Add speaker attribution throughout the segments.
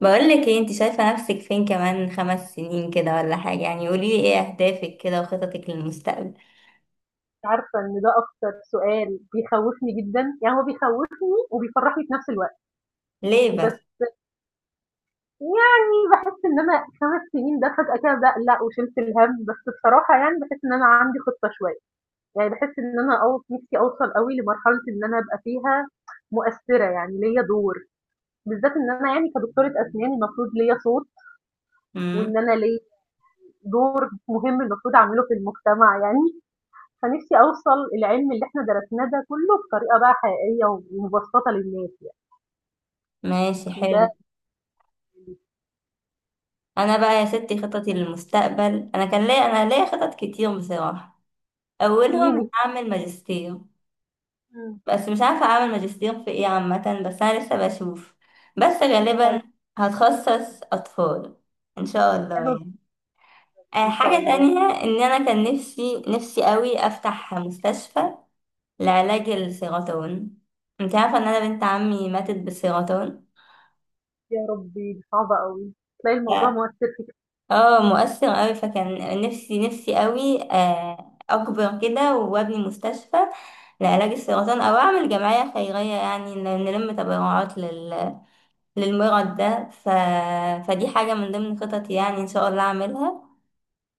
Speaker 1: بقول لك ايه، انت شايفة نفسك فين كمان 5 سنين كده ولا حاجة؟ قولي لي ايه اهدافك كده وخططك للمستقبل؟
Speaker 2: عارفة إن ده أكتر سؤال بيخوّفني جدًا، يعني هو بيخوّفني وبيفرّحني في نفس الوقت،
Speaker 1: ليه بس؟
Speaker 2: بس يعني باحس إن أنا 5 سنين ده فجأة كده باقلق وشِلت الهَم، بس بصراحة يعني باحس إن أنا عندي خطة شوية، يعني باحس إن أنا أو نفسي أوصل أوي لمرحلة إن أنا أبقى فيها مؤثِّرة، يعني ليّا دور، بالذات إن أنا يعني كدكتورة أسنان المفروض ليّا صوت
Speaker 1: امم
Speaker 2: وإن أنا ليّا دور مهم المفروض أعمله في المجتمع يعني. فنفسي أوصل العلم اللي إحنا درسناه ده كله بطريقة بقى حقيقية ومبسطة للناس
Speaker 1: ماشي،
Speaker 2: يعني ده
Speaker 1: حلو.
Speaker 2: اللي
Speaker 1: انا بقى يا ستي خططي للمستقبل، انا ليا خطط كتير بصراحة. اولهم
Speaker 2: فيني.
Speaker 1: اعمل ماجستير،
Speaker 2: مم.
Speaker 1: بس مش عارفة اعمل ماجستير في ايه عامة. بس انا لسه بشوف. بس
Speaker 2: حلو.
Speaker 1: غالبا هتخصص اطفال ان شاء الله
Speaker 2: حلو
Speaker 1: يعني. آه،
Speaker 2: إن شاء
Speaker 1: حاجة
Speaker 2: الله.
Speaker 1: تانية ان انا كان نفسي نفسي قوي افتح مستشفى لعلاج السرطان. انت عارفة ان انا بنت عمي ماتت بالسرطان.
Speaker 2: يا ربي دي صعبة قوي، تلاقي الموضوع
Speaker 1: ف-
Speaker 2: مؤثر فيك.
Speaker 1: اه، مؤثر قوي. فكان نفسي نفسي قوي، آه، اكبر كده وابني مستشفى لعلاج السرطان، او اعمل جمعية خيرية يعني نلم تبرعات للمرض ده. فدي حاجة من ضمن خططي يعني، ان شاء الله اعملها.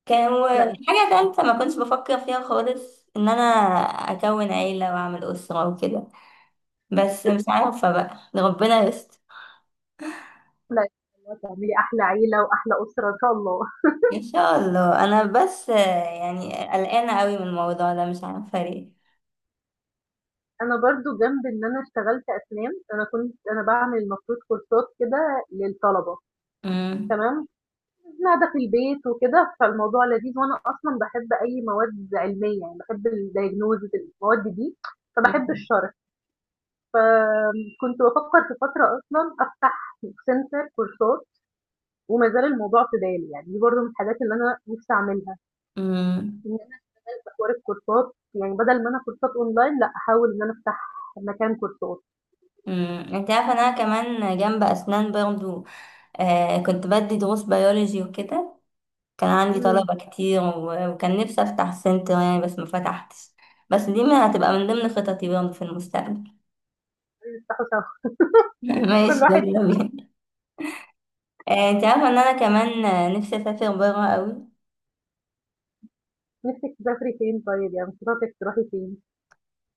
Speaker 1: كان
Speaker 2: لا إن شاء
Speaker 1: حاجة تالتة ما كنتش بفكر فيها خالص، ان انا اكون عيلة واعمل اسرة وكده، بس مش عارفة بقى، ربنا يستر.
Speaker 2: الله، إن شاء الله تعملي أحلى عيلة وأحلى أسرة إن شاء الله.
Speaker 1: ان شاء الله. انا بس آه، يعني قلقانه قوي من الموضوع ده، مش عارفه ليه.
Speaker 2: أنا برضو جنب إن أنا اشتغلت أسنان، أنا كنت أنا بعمل المفروض كورسات كده للطلبة.
Speaker 1: امم
Speaker 2: تمام. قاعدة في البيت وكده فالموضوع لذيذ، وأنا أصلا بحب أي مواد علمية، يعني بحب الدايجنوزز المواد دي فبحب الشرح. فكنت بفكر في فترة أصلا أفتح سنتر كورسات، وما زال الموضوع في بالي، يعني دي برضه من الحاجات اللي أنا نفسي أعملها،
Speaker 1: امم
Speaker 2: إن أنا أختار الكورسات، يعني بدل ما أنا كورسات أونلاين لا أحاول إن أنا أفتح مكان كورسات.
Speaker 1: انت عارفه إن انا كمان جنب اسنان برضو آه كنت بدي دروس بيولوجي وكده. كان عندي
Speaker 2: مم،
Speaker 1: طلبه كتير وكان نفسي افتح سنتر يعني، بس ما فتحتش. بس دي ما هتبقى من ضمن خططي برضو في المستقبل.
Speaker 2: نفتحه سوا، كل
Speaker 1: ماشي،
Speaker 2: واحد.
Speaker 1: يلا بينا. آه، انت عارفه ان انا كمان آه، نفسي اسافر بره قوي.
Speaker 2: نفسك تسافري فين طيب، يعني خططك تروحي فين؟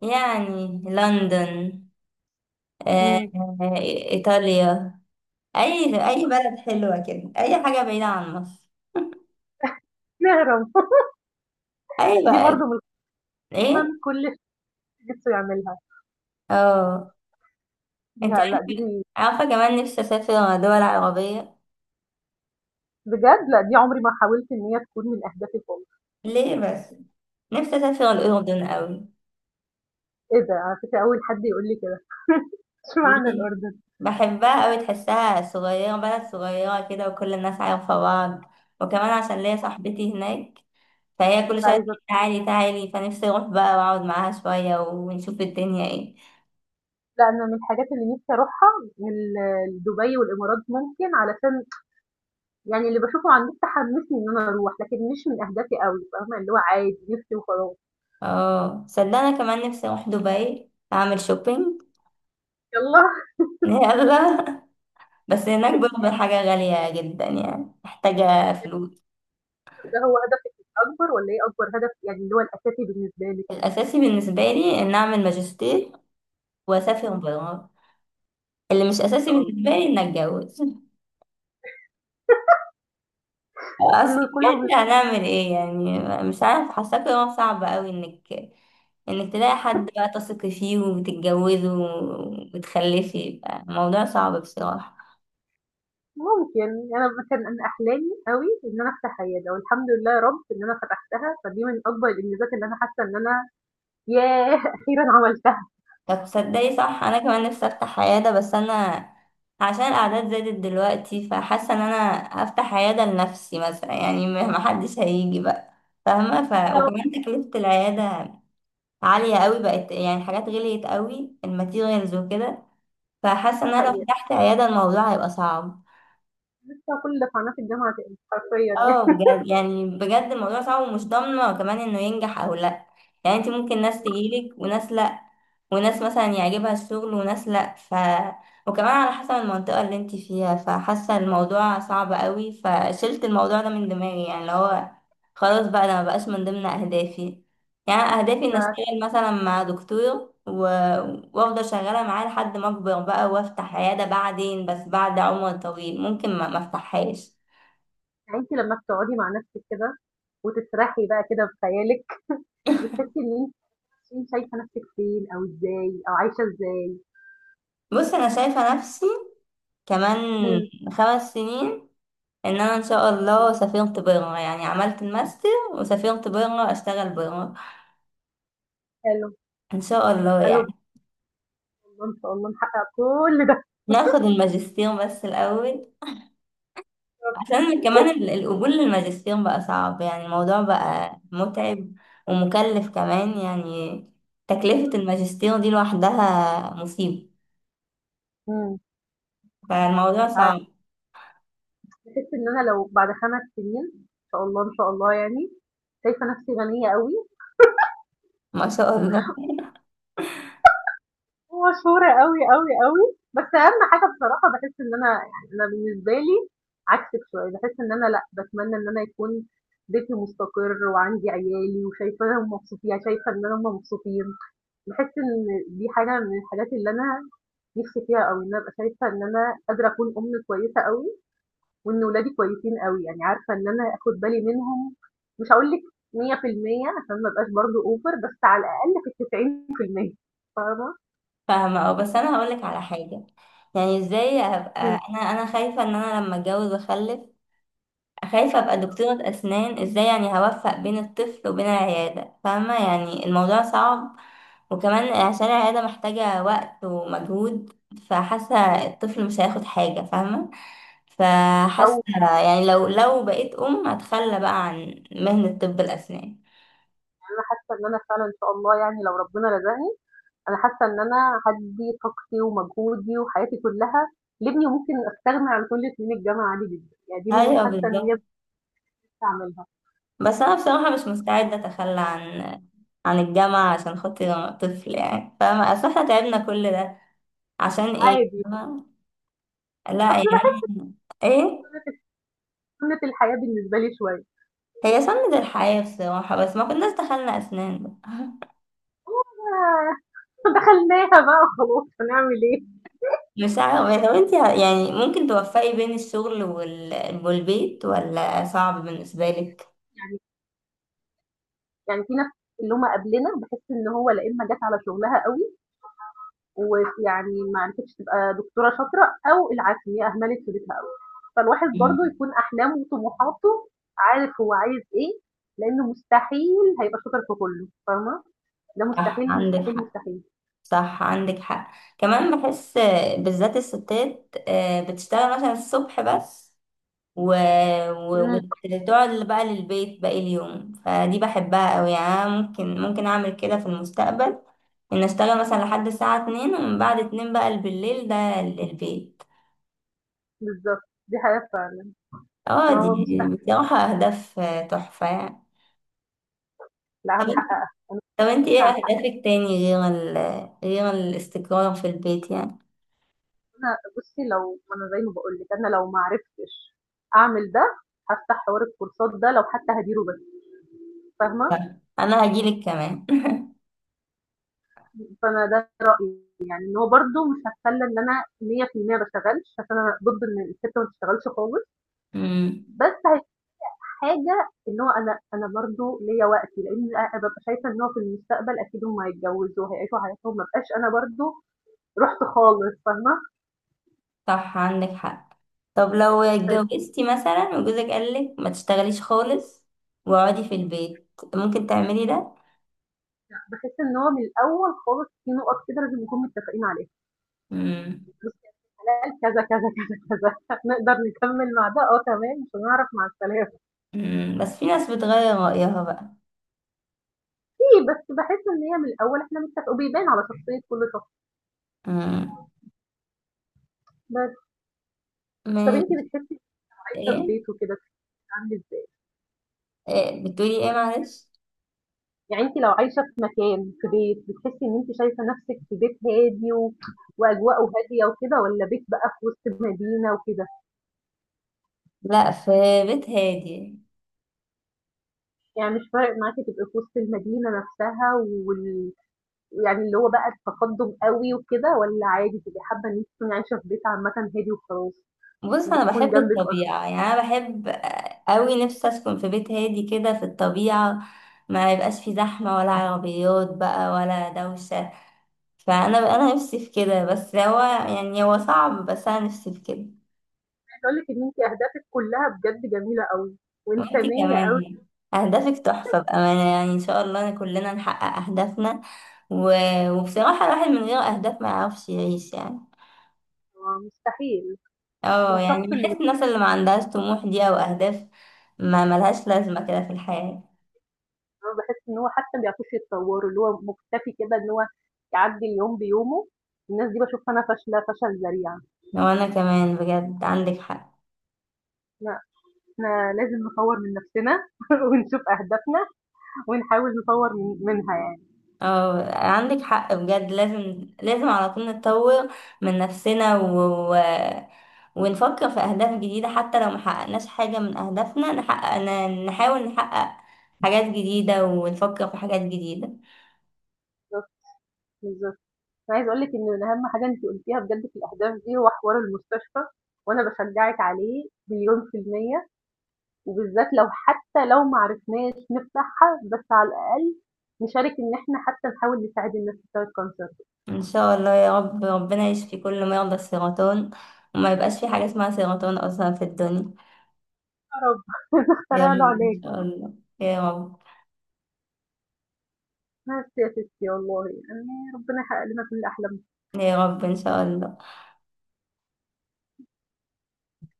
Speaker 1: يعني لندن، آه،
Speaker 2: مم،
Speaker 1: آه، إيطاليا. اي بلد حلوه كده، اي حاجه بعيده عن مصر.
Speaker 2: نهرب.
Speaker 1: اي
Speaker 2: دي
Speaker 1: بقى.
Speaker 2: برضه من من
Speaker 1: ايه،
Speaker 2: كل نِفْسه يعملها.
Speaker 1: اه. انت
Speaker 2: لأ، لأ،
Speaker 1: عارفه،
Speaker 2: دي
Speaker 1: عارفه كمان نفسي اسافر دول عربيه.
Speaker 2: بجد، لأ، دي عمري ما حاولت إن هي تكون من أهدافي خالص.
Speaker 1: ليه بس؟ نفسي اسافر الاردن قوي.
Speaker 2: إيه ده! على فكرة أول حد يقول لي كده، إشمعنى
Speaker 1: ليه؟
Speaker 2: الأردن؟
Speaker 1: بحبها قوي، تحسها صغيره، بلد صغيره كده وكل الناس عارفه بعض. وكمان عشان ليا صاحبتي هناك، فهي كل
Speaker 2: كنت
Speaker 1: شويه
Speaker 2: عايزة،
Speaker 1: تقول تعالي تعالي. فنفسي اروح بقى واقعد معاها شويه ونشوف الدنيا ايه.
Speaker 2: لأ، أنا من الحاجات اللي نِفْسي أروحها ال دبي والإمارات ممكن، علشان يعني اللي باشوفه على النت حمّسني إن أنا أروح، لكن مش من أهدافي أوي، فاهمة؟ اللي هو عادي نِفْسي وخلاص.
Speaker 1: اه صدقني كمان نفسي اروح دبي اعمل شوبينج.
Speaker 2: يالّا.
Speaker 1: يلا. بس هناك برضه الحاجة غالية جدا يعني، محتاجة فلوس.
Speaker 2: ده هو هدفِك الأكبر والّا إيه أكبر هدف، يعني اللي هو الأساسي بالنسبة لِك؟
Speaker 1: الأساسي بالنسبة لي إن أعمل ماجستير وأسافر
Speaker 2: إمم،
Speaker 1: برا. اللي مش
Speaker 2: إن
Speaker 1: أساسي
Speaker 2: شاء الله.
Speaker 1: بالنسبة لي إن أتجوز. أصل
Speaker 2: كُلّه كُلّه.
Speaker 1: بجد هنعمل إيه يعني؟ مش عارف، حاسة قرار صعب أوي إنك تلاقي حد بقى تثقي فيه وتتجوزه وتخلفي. الموضوع صعب بصراحة.
Speaker 2: ممكن أنا مثلًا، أنا أحلامي أوي إن أنا أفتح عيادة، والحمد لله يا رب إن أنا فتحتها، فدي من أكبر الإنجازات اللي أنا حاسة إن أنا، ياه! أخيرًا عملتها.
Speaker 1: طب تصدقي؟ صح، انا كمان نفسي افتح عيادة، بس انا عشان الاعداد زادت دلوقتي، فحاسة ان انا افتح عيادة لنفسي مثلا يعني، ما حدش هيجي بقى، فاهمة؟
Speaker 2: آه.
Speaker 1: وكمان تكلفة العيادة عالية قوي بقت يعني، الحاجات غليت قوي، الماتيريالز وكده. فحاسة ان
Speaker 2: دي
Speaker 1: انا لو
Speaker 2: حقيقة.
Speaker 1: فتحت عيادة الموضوع هيبقى صعب.
Speaker 2: لسه كل قناة الجامعة تاني حرفيًا يعني.
Speaker 1: اه بجد يعني، بجد الموضوع صعب ومش ضامنة كمان انه ينجح او لا. يعني انت ممكن ناس تجيلك وناس لا، وناس مثلا يعجبها الشغل وناس لا، وكمان على حسب المنطقة اللي انت فيها. فحاسة الموضوع صعب قوي، فشلت الموضوع ده من دماغي يعني، اللي هو خلاص بقى ده مبقاش من ضمن اهدافي. يعني اهدافي ان اشتغل مثلا مع دكتور وافضل شغالة معاه لحد ما اكبر بقى وافتح عيادة بعدين، بس بعد عمر طويل ممكن ما افتحهاش.
Speaker 2: أنتِ لمّا بتقعدي مع نفسِك كده وتسرحي بقى كده بخيالِك، بتحسي إن أنتِ، انت شايفة نفسِك فين أو إزاي أو عايشة إزاي؟
Speaker 1: بص انا شايفه نفسي كمان
Speaker 2: إمم،
Speaker 1: 5 سنين، ان انا ان شاء
Speaker 2: إمم،
Speaker 1: الله سافرت بره يعني، عملت الماستر وسافرت بره اشتغل بره،
Speaker 2: حلو،
Speaker 1: ان شاء الله
Speaker 2: حلو إن
Speaker 1: يعني.
Speaker 2: شاء الله، إن شاء الله نحقق كل ده.
Speaker 1: ناخد الماجستير بس الاول، عشان كمان القبول للماجستير بقى صعب يعني، الموضوع بقى متعب ومكلف كمان يعني. تكلفة الماجستير دي لوحدها مصيبة.
Speaker 2: إمم،
Speaker 1: فالموضوع
Speaker 2: مش عا
Speaker 1: صعب.
Speaker 2: باحس إن أنا لو بعد 5 سنين إن شاء الله، إن شاء الله يعني، شايفة نفسي غنية أوي
Speaker 1: ما شاء الله.
Speaker 2: ومشهورة أوي، أوي، أوي، بس أهم حاجة بصراحة باحس إن أنا، يعني أنا بالنسبة لي عكسِك شوية، باحس إن أنا لأ، باتمنى إن أنا يكون بيتي مستقر وعندي عيالي وشايفاهم مبسوطين، يعني شايفة إن هم مبسوطين، باحس إن دي حاجة من الحاجات اللي أنا نفسي فيها أوي، إن أنا أبقى شايفة إن أنا قادرة أكون أم كويسة أوي، وإن ولادي كويسين أوي، يعني عارفة إن أنا آخد بالي منهم، مش هاقول لِك 100% عشان ما أبقاش برضه over، بس على الأقل في ال90%، فاهمة؟
Speaker 1: فاهمة. اه بس انا هقولك على حاجة، يعني ازاي ابقى؟
Speaker 2: إمم.
Speaker 1: انا خايفة ان انا لما اتجوز واخلف، خايفة ابقى دكتورة اسنان ازاي يعني، هوفق بين الطفل وبين العيادة. فاهمة؟ يعني الموضوع صعب، وكمان عشان العيادة محتاجة وقت ومجهود. فحاسة
Speaker 2: إمم.
Speaker 1: الطفل مش هياخد حاجة فاهمة. فحاسة
Speaker 2: لو
Speaker 1: يعني لو بقيت ام هتخلى بقى عن مهنة طب الاسنان.
Speaker 2: أنا حاسة إن أنا فعلًا إن شاء الله يعني، لو ربنا رزقني، أنا حاسة إن أنا هادّي طاقتي ومجهودي وحياتي كلها لابني، وممكن أستغنى عن كل سنين الجامعة عادي جدًا، يعني دي من،
Speaker 1: ايوه
Speaker 2: حاسة إن هي
Speaker 1: بالظبط.
Speaker 2: بتستعملها
Speaker 1: بس انا بصراحه مش مستعده اتخلى عن عن الجامعه عشان خاطر طفل يعني، فاهمه؟ اصل احنا تعبنا كل ده عشان ايه،
Speaker 2: عادي،
Speaker 1: فاهمة؟ لا
Speaker 2: أصل
Speaker 1: يعني.
Speaker 2: باحس
Speaker 1: ايه.
Speaker 2: سنة الحياة بالنسبة لي شوية،
Speaker 1: هي سنة الحياه بصراحه، بس ما كناش دخلنا اسنان بقى.
Speaker 2: آه، دخلناها بقى وخلاص هنعمل إيه؟
Speaker 1: مش عارفه، لو انت يعني ممكن توفقي بين الشغل والبيت، ولا صعب بالنسبه لك؟
Speaker 2: يعني في ناس اللي هم قبلنا، بحس ان هو لا، اما جت على شغلها قوي ويعني ما عرفتش تبقى دكتوره شاطره، او العكس هي اهملت في بيتها قوي. فالواحد برضه
Speaker 1: مم.
Speaker 2: يكون احلامه وطموحاته، عارف هو عايز ايه، لانه مستحيل هيبقى شاطر في كله، فاهمه؟ ده
Speaker 1: صح
Speaker 2: مستحيل
Speaker 1: عندك
Speaker 2: مستحيل
Speaker 1: حق.
Speaker 2: مستحيل.
Speaker 1: صح عندك حق. كمان بحس، بالذات الستات آه، بتشتغل مثلا الصبح بس و... و...
Speaker 2: امم.
Speaker 1: وتقعد بقى للبيت باقي اليوم. فدي بحبها قوي يعني، أنا ممكن اعمل كده في المستقبل، ان اشتغل مثلا لحد الساعة 2، ومن بعد 2 بقى بالليل ده للبيت.
Speaker 2: بالظبط. دي حاجه فعلا.
Speaker 1: اه
Speaker 2: ما هو
Speaker 1: دي
Speaker 2: مستحيل
Speaker 1: بصراحة اهداف آه، تحفة يعني.
Speaker 2: لا
Speaker 1: طب انت
Speaker 2: هنحققها.
Speaker 1: طب انت ايه
Speaker 2: احنا
Speaker 1: اهدافك تاني غير غير الاستقرار في البيت يعني؟
Speaker 2: هنحققها. بصي، لو انا زي ما بقول لك، انا لو ما عرفتش اعمل ده هفتح حوار الكورسات ده لو حتى هديره بس، فاهمه؟
Speaker 1: لا، انا هجيلك كمان.
Speaker 2: فانا ده رايي، يعني ان هو برده مش هتخلى ان انا 100% ما اشتغلش، عشان انا ضد ان الست ما تشتغلش خالص،
Speaker 1: مم.
Speaker 2: بس هي حاجه ان هو انا برده ليا وقتي، لان أنا ببقى شايفه ان هو في المستقبل اكيد هم هيتجوزوا وهيعيشوا حياتهم، ما بقاش انا برده رحت خالص، فاهمه؟
Speaker 1: صح عندك حق. طب لو
Speaker 2: طيب،
Speaker 1: اتجوزتي مثلا وجوزك قالك ما تشتغليش خالص واقعدي في البيت، ممكن تعملي ده؟
Speaker 2: بحس ان هو من الاول خالص في نقط كده لازم نكون متفقين عليها.
Speaker 1: مم.
Speaker 2: بصي يا ست، حلال كذا كذا، كذا كذا نقدر نكمل مع ده، اه تمام، مش هنعرف، مع السلامه.
Speaker 1: مم. بس في ناس بتغير رأيها بقى.
Speaker 2: في، بس بحس ان هي من الاول احنا متفقين، وبيبان على شخصيه كل شخص
Speaker 1: مم.
Speaker 2: بس. طب
Speaker 1: من...
Speaker 2: أنتِ بتحسّي لو عايشة في
Speaker 1: ايه.
Speaker 2: بيت وكده بتبقى عاملة إزاي؟
Speaker 1: إيه؟ بتقولي ايه، معلش؟
Speaker 2: يعني أنتِ لو عايشة في مكان، في بيت، بتحسّي إن أنتِ شايفة نَفْسِك في بيت هادي وأجواءه هادية وكده، والّا بيت بقى في وسط المدينة وكده؟
Speaker 1: لا، في بيت هادي.
Speaker 2: يعني مش فارق معاكِ تبقي في وسط المدينة نَفْسها وال يعني اللي هو بقى التقدُّم أوي وكده، والّا عادي تبقي حابة إن أنتِ تكوني عايشة في بيت عامةً هادي وخلاص،
Speaker 1: بص انا
Speaker 2: وتكون
Speaker 1: بحب
Speaker 2: جنبِك أشجار؟
Speaker 1: الطبيعة، يعني انا بحب قوي. نفسي اسكن في بيت هادي كده في الطبيعة، ما يبقاش في زحمة ولا عربيات بقى ولا دوشة. فانا نفسي في كده، بس هو يعني هو صعب، بس انا نفسي في كده.
Speaker 2: عايزة أقول لِك إن أنتِ أهدافِك كُلّها بجد جميلة أوي
Speaker 1: وانتي
Speaker 2: وإنسانية
Speaker 1: كمان
Speaker 2: أوي.
Speaker 1: يعني اهدافك تحفه بامانه يعني، ان شاء الله كلنا نحقق اهدافنا. و... وبصراحه الواحد من غير اهداف ما يعرفش يعيش يعني.
Speaker 2: آه مستحيل.
Speaker 1: اه يعني
Speaker 2: الشخص
Speaker 1: بحس
Speaker 2: اللي،
Speaker 1: الناس اللي ما عندهاش طموح دي او اهداف ما ملهاش لازمه كده في الحياه.
Speaker 2: أنا باحس إن هو حتى ما بيعرفوش يتطوّروا، اللي هو مُكتفي كده إن هو يعدّي اليوم بيومه، الناس دي باشوفها أنا فاشلة فشل ذريع.
Speaker 1: وانا كمان بجد عندك حق.
Speaker 2: لأ، إحنا لازم نطوّر من نَفْسنا ونشوف أهدافنا ونحاول نطوّر منها يعني.
Speaker 1: اه عندك حق بجد، لازم لازم على طول نتطور من نفسنا و- ونفكر في أهداف جديدة، حتى لو محققناش حاجة من أهدافنا نحقق نحاول نحقق حاجات جديدة ونفكر في حاجات جديدة.
Speaker 2: بالضبط، بالضبط. أنا عايزة أقول لِك إن أهم حاجة أنتِ قُلتيها بجد في الأهداف دي هو حوار المستشفى، وأنا باشجّعِك عليه 100%، وبالذات لو حتى لو ما عرفناش نفتحها بس على الأقل نشارك إن إحنا حتى نحاول نساعد الناس بتوع الcancer.
Speaker 1: إن شاء الله يا رب ربنا يشفي كل مرضى السرطان، وما يبقاش في حاجة اسمها سرطان أصلا في الدنيا.
Speaker 2: يا رب،
Speaker 1: يا
Speaker 2: نخترع له
Speaker 1: رب إن
Speaker 2: علاج.
Speaker 1: شاء الله. يا رب.
Speaker 2: ما سياسة يا والله يعني، ربنا يحقق لنا كل أحلامنا.
Speaker 1: يا رب إن شاء الله.